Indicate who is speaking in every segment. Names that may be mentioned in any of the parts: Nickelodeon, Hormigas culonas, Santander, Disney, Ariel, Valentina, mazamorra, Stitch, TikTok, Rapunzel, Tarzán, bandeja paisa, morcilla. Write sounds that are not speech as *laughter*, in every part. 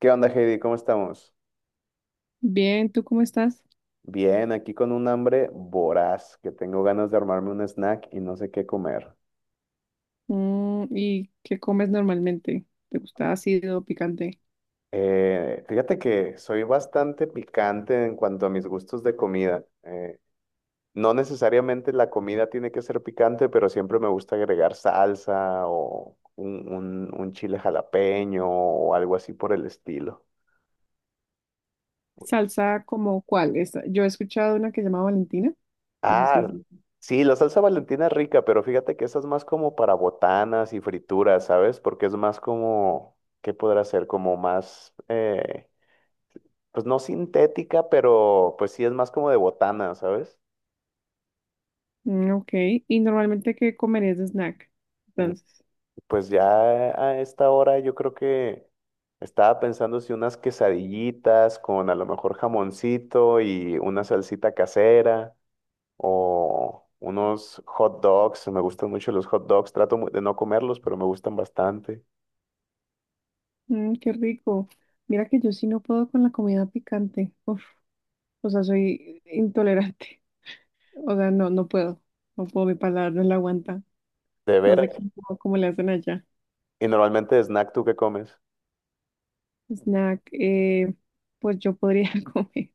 Speaker 1: ¿Qué onda, Heidi? ¿Cómo estamos?
Speaker 2: Bien, ¿tú cómo estás?
Speaker 1: Bien, aquí con un hambre voraz, que tengo ganas de armarme un snack y no sé qué comer.
Speaker 2: Mm, ¿y qué comes normalmente? ¿Te gusta ácido, picante?
Speaker 1: Fíjate que soy bastante picante en cuanto a mis gustos de comida. No necesariamente la comida tiene que ser picante, pero siempre me gusta agregar salsa o un chile jalapeño o algo así por el estilo.
Speaker 2: ¿Salsa como cuál? Yo he escuchado una que se llama Valentina. No sé
Speaker 1: Ah,
Speaker 2: si-
Speaker 1: sí, la salsa Valentina es rica, pero fíjate que esa es más como para botanas y frituras, ¿sabes? Porque es más como, ¿qué podrá ser? Como más, pues no sintética, pero pues sí es más como de botana, ¿sabes?
Speaker 2: Mm, ok, ¿y normalmente qué comerías de snack?
Speaker 1: Mm,
Speaker 2: Entonces,
Speaker 1: pues ya a esta hora yo creo que estaba pensando si unas quesadillitas con a lo mejor jamoncito y una salsita casera o unos hot dogs, me gustan mucho los hot dogs, de no comerlos, pero me gustan bastante.
Speaker 2: mm, qué rico. Mira que yo sí no puedo con la comida picante. Uf, o sea, soy intolerante. *laughs* O sea, no, no puedo. No puedo, mi paladar no la aguanta.
Speaker 1: De
Speaker 2: No sé
Speaker 1: veras.
Speaker 2: cómo, cómo le hacen allá.
Speaker 1: Y normalmente de snack, ¿tú qué comes?
Speaker 2: Snack, pues yo podría *laughs* comer.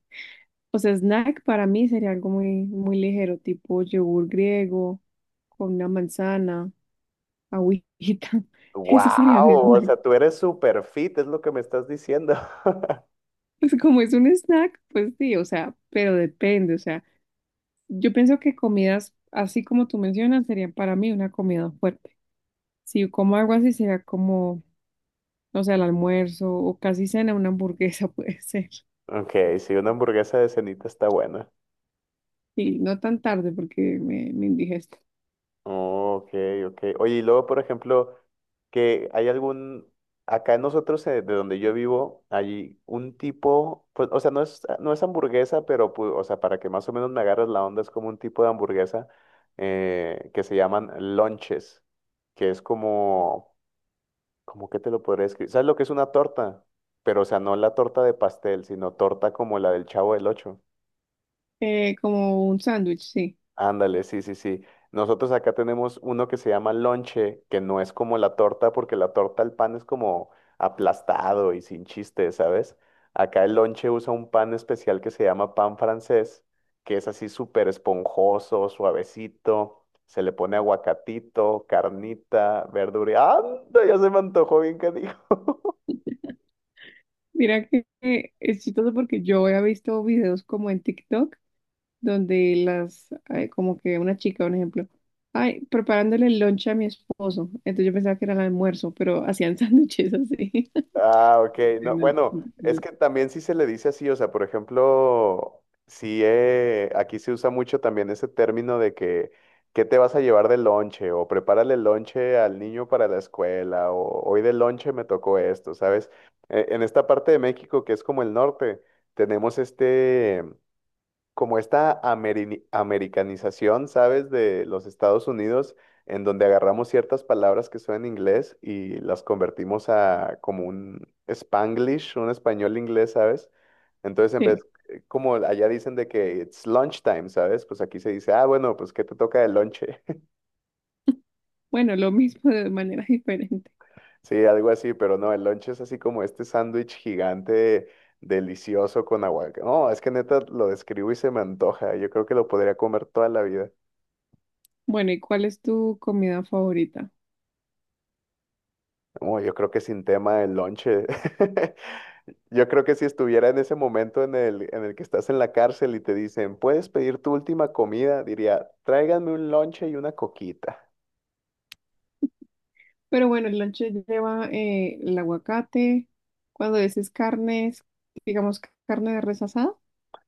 Speaker 2: O sea, snack para mí sería algo muy, muy ligero, tipo yogur griego con una manzana, agüita. *laughs* Ese sería mi
Speaker 1: ¡Wow! O
Speaker 2: snack.
Speaker 1: sea, tú eres super fit, es lo que me estás diciendo. *laughs*
Speaker 2: Pues como es un snack, pues sí, o sea, pero depende, o sea, yo pienso que comidas, así como tú mencionas, serían para mí una comida fuerte. Si yo como algo así, sería como, o sea, el almuerzo o casi cena, una hamburguesa *laughs* puede ser.
Speaker 1: Ok, sí, una hamburguesa de cenita está buena.
Speaker 2: Y no tan tarde porque me indigesto.
Speaker 1: Oh, ok, ok. Oye, y luego, por ejemplo, que hay algún, acá nosotros, de donde yo vivo, hay un tipo, pues, o sea, no es hamburguesa, pero, pu- o sea, para que más o menos me agarres la onda, es como un tipo de hamburguesa que se llaman lonches, que es como... ¿Cómo que te lo podría escribir? ¿Sabes lo que es una torta? Pero, o sea, no la torta de pastel, sino torta como la del Chavo del Ocho.
Speaker 2: Como un sándwich, sí.
Speaker 1: Ándale, sí. Nosotros acá tenemos uno que se llama lonche, que no es como la torta, porque la torta al pan es como aplastado y sin chiste, ¿sabes? Acá el lonche usa un pan especial que se llama pan francés, que es así súper esponjoso, suavecito. Se le pone aguacatito, carnita, verdura. ¡Anda! Ya se me antojó bien que…
Speaker 2: Mira que es chistoso porque yo he visto videos como en TikTok donde las, ay, como que una chica, un ejemplo, ay, preparándole el lunch a mi esposo. Entonces yo pensaba que era el almuerzo, pero *laughs* hacían sándwiches así.
Speaker 1: Ah,
Speaker 2: *laughs*
Speaker 1: ok. No, bueno, es que
Speaker 2: Entonces,
Speaker 1: también sí se le dice así, o sea, por ejemplo, sí, aquí se usa mucho también ese término de que, ¿qué te vas a llevar de lonche? O prepárale el lonche al niño para la escuela, o hoy de lonche me tocó esto, ¿sabes? En esta parte de México, que es como el norte, tenemos este, como esta americanización, ¿sabes? De los Estados Unidos, en donde agarramos ciertas palabras que son en inglés y las convertimos a como un Spanglish, un español inglés, ¿sabes? Entonces,
Speaker 2: sí.
Speaker 1: como allá dicen de que it's lunchtime, ¿sabes? Pues aquí se dice, ah, bueno, pues ¿qué te toca de lonche? *laughs*
Speaker 2: Bueno, lo mismo de manera *laughs* diferente.
Speaker 1: Sí, algo así, pero no, el lonche es así como este sándwich gigante. Delicioso con aguacate. No, es que neta lo describo y se me antoja. Yo creo que lo podría comer toda la vida.
Speaker 2: Bueno, ¿y cuál es tu comida favorita?
Speaker 1: Uy, yo creo que sin tema el lonche. *laughs* Yo creo que si estuviera en ese momento en el que estás en la cárcel y te dicen, puedes pedir tu última comida, diría, tráiganme un lonche y una coquita.
Speaker 2: Pero bueno, el lonche lleva el aguacate, cuando dices carnes, digamos carne de res asada.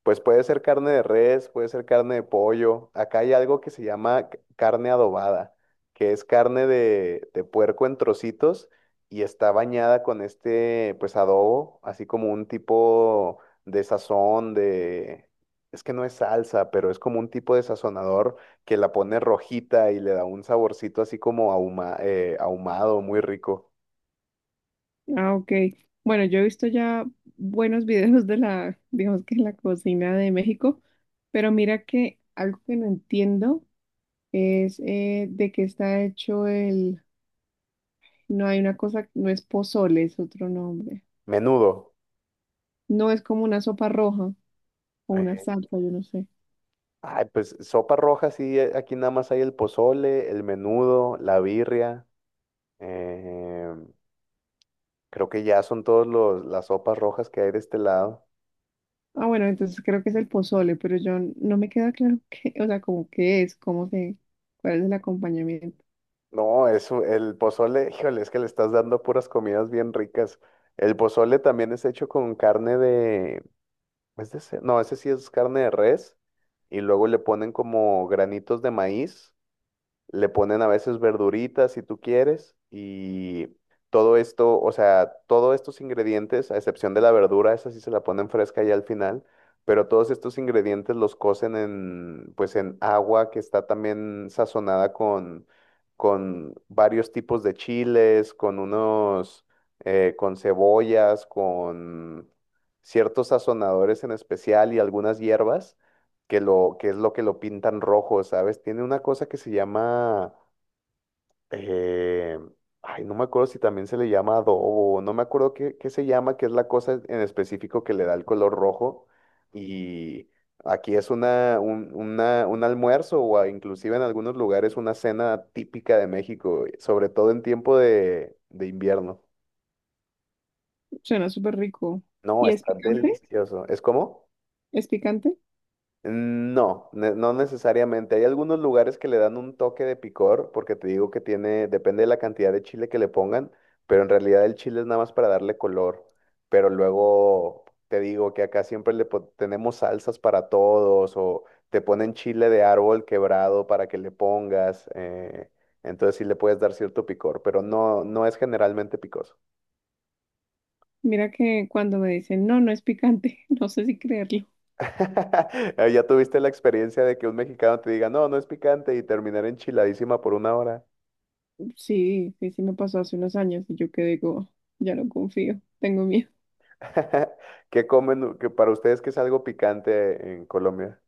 Speaker 1: Pues puede ser carne de res, puede ser carne de pollo. Acá hay algo que se llama c- carne adobada, que es carne de puerco en trocitos y está bañada con este, pues adobo, así como un tipo de sazón, de... Es que no es salsa, pero es como un tipo de sazonador que la pone rojita y le da un saborcito así como ahumado, muy rico.
Speaker 2: Ah, ok. Bueno, yo he visto ya buenos videos de la, digamos que la cocina de México, pero mira que algo que no entiendo es de qué está hecho el, no hay una cosa, no es pozole, es otro nombre.
Speaker 1: Menudo.
Speaker 2: No es como una sopa roja o una salsa, yo no sé.
Speaker 1: Ay, pues sopa roja, sí, aquí nada más hay el pozole, el menudo, la birria. eh, Creo que ya son todos los las sopas rojas que hay de este lado.
Speaker 2: Ah, bueno, entonces creo que es el pozole, pero yo no me queda claro *laughs* qué, o sea, como qué es, cómo se, cuál es el acompañamiento.
Speaker 1: No, eso, el pozole, híjole, es que le estás dando puras comidas bien ricas. El pozole también es hecho con carne de, ¿es de ce-? No, ese sí es carne de res. Y luego le ponen como granitos de maíz. Le ponen a veces verduritas si tú quieres y todo esto, o sea, todos estos ingredientes, a excepción de la verdura, esa sí se la ponen fresca ya al final, pero todos estos ingredientes los cocen en, pues en agua que está también sazonada con varios tipos de chiles, con unos, con cebollas, con ciertos sazonadores en especial y algunas hierbas que lo, que es lo que lo pintan rojo, ¿sabes? Tiene una cosa que se llama, eh, ay, no me acuerdo si también se le llama adobo, no me acuerdo qué, qué se llama, que es la cosa en específico que le da el color rojo. Y aquí es un almuerzo o a- inclusive en algunos lugares una cena típica de México, sobre todo en tiempo de invierno.
Speaker 2: Suena súper rico.
Speaker 1: No,
Speaker 2: ¿Y es
Speaker 1: está
Speaker 2: picante?
Speaker 1: delicioso. ¿Es como?
Speaker 2: ¿Es picante?
Speaker 1: No, no necesariamente. Hay algunos lugares que le dan un toque de picor, porque te digo que tiene, depende de la cantidad de chile que le pongan, pero en realidad el chile es nada más para darle color. Pero luego te digo que acá siempre le pon- tenemos salsas para todos, o te ponen chile de árbol quebrado para que le pongas. Entonces sí le puedes dar cierto picor, pero no, no es generalmente picoso.
Speaker 2: Mira que cuando me dicen, no, no es picante, *laughs* no sé si creerlo.
Speaker 1: *laughs* Ya tuviste la experiencia de que un mexicano te diga, no, no es picante y terminar enchiladísima por una hora.
Speaker 2: Sí, sí, sí me pasó hace unos años y yo que digo ya no confío, tengo miedo.
Speaker 1: *laughs* ¿Qué comen que para ustedes que es algo picante en Colombia?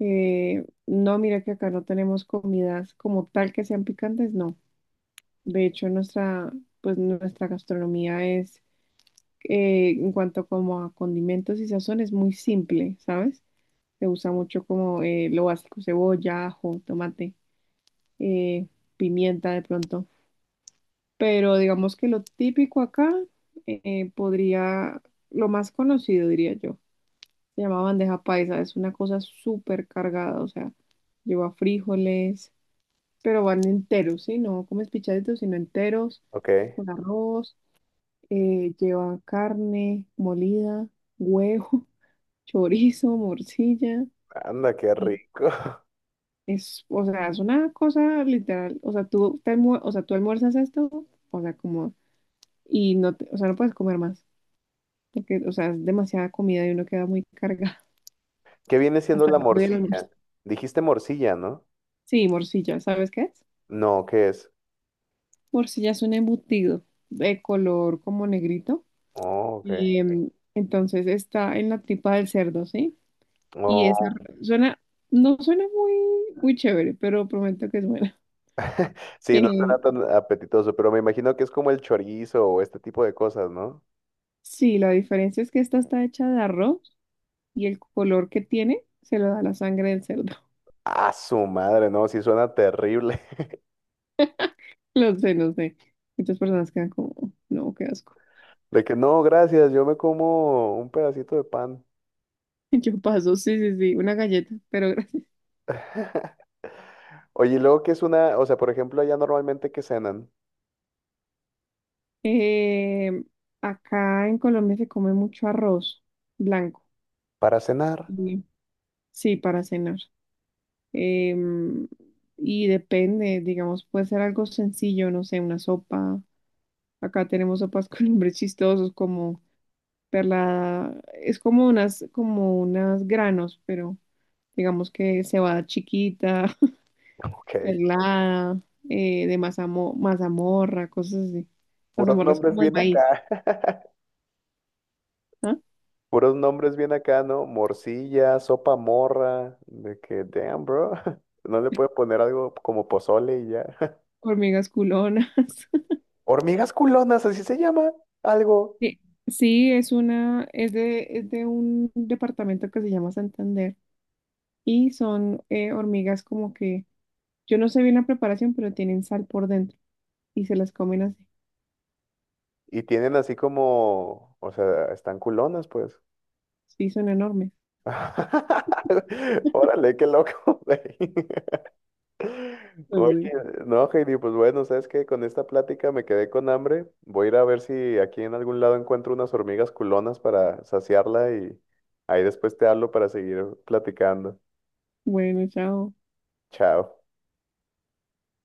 Speaker 2: No, mira que acá no tenemos comidas como tal que sean picantes, no. De hecho, nuestra, pues nuestra gastronomía es, en cuanto como a condimentos y sazón, es muy simple, ¿sabes? Se usa mucho como lo básico, cebolla, ajo, tomate, eh, pimienta de pronto. Pero digamos que lo típico acá podría, lo más conocido diría yo, se llama bandeja paisa, es una cosa súper cargada, o sea, lleva frijoles, pero van enteros, ¿sí? No comes pichaditos, sino enteros,
Speaker 1: Ok,
Speaker 2: con arroz, lleva carne molida, huevo, *laughs* chorizo, morcilla.
Speaker 1: anda, qué
Speaker 2: eh,
Speaker 1: rico. *laughs*
Speaker 2: Es, o sea, es una cosa literal, o sea, tú, o sea, tú almuerzas esto, o sea, como, y no, o sea, no puedes comer más. Porque, o sea, es demasiada comida y uno queda muy cargado
Speaker 1: ¿Qué viene
Speaker 2: *laughs*
Speaker 1: siendo
Speaker 2: hasta
Speaker 1: la *laughs*
Speaker 2: el otro día del almuerzo.
Speaker 1: morcilla? Dijiste morcilla, ¿no?
Speaker 2: Sí, morcilla, ¿sabes qué es?
Speaker 1: No, ¿qué es?
Speaker 2: Morcilla es un embutido de color como negrito.
Speaker 1: Oh, ok.
Speaker 2: Em, entonces está en la tripa del cerdo, ¿sí? Y esa
Speaker 1: Oh,
Speaker 2: suena, no suena muy, muy chévere, pero prometo que es buena. *laughs*
Speaker 1: sí, no suena
Speaker 2: Em,
Speaker 1: tan apetitoso, pero me imagino que es como el chorizo o este tipo de cosas, ¿no?
Speaker 2: sí, la diferencia es que esta está hecha de arroz y el color que tiene se lo da la sangre del cerdo.
Speaker 1: Ah, su madre, no, sí suena terrible. *laughs*
Speaker 2: *laughs* Lo sé, no sé. Muchas personas quedan como, no, qué asco.
Speaker 1: De que no, gracias, yo me como un pedacito de pan.
Speaker 2: *laughs* Yo paso, sí, sí, sí, una galleta, pero
Speaker 1: *laughs* Oye, ¿y luego que es una, o sea, por ejemplo, allá normalmente que cenan
Speaker 2: Eh, acá en Colombia se come mucho arroz blanco.
Speaker 1: para cenar.
Speaker 2: Mm. Sí, para cenar. Em, y depende, digamos, puede ser algo sencillo, no sé, una sopa. Acá tenemos sopas *laughs* con nombres chistosos como perla, es como unas granos, pero digamos que cebada chiquita, *laughs*
Speaker 1: Ok.
Speaker 2: perlada, mazamorra, cosas así.
Speaker 1: Puros
Speaker 2: Mazamorra es
Speaker 1: nombres
Speaker 2: como de
Speaker 1: bien
Speaker 2: maíz,
Speaker 1: acá. *laughs*
Speaker 2: ¿ah?
Speaker 1: Puros nombres bien acá, ¿no? Morcilla, sopa morra, de que, damn, bro. *laughs* No le puede poner algo como pozole y ya. *laughs*
Speaker 2: Hormigas culonas. *laughs*
Speaker 1: Hormigas culonas, así se llama, algo.
Speaker 2: Sí, sí, es una, es de un departamento que se llama Santander y son hormigas como que, yo no sé bien la preparación, pero tienen sal por dentro y se las comen así.
Speaker 1: Y tienen así como, o sea, están culonas, pues.
Speaker 2: Sí, son enormes.
Speaker 1: *laughs* Órale, qué loco, *laughs* güey.
Speaker 2: *laughs* No
Speaker 1: Oye,
Speaker 2: sé.
Speaker 1: no, Heidi, pues bueno, ¿sabes qué? Con esta plática me quedé con hambre. Voy a ir a ver si aquí en algún lado encuentro unas hormigas culonas para saciarla y ahí después te hablo para seguir platicando.
Speaker 2: Bueno, chao.
Speaker 1: Chao.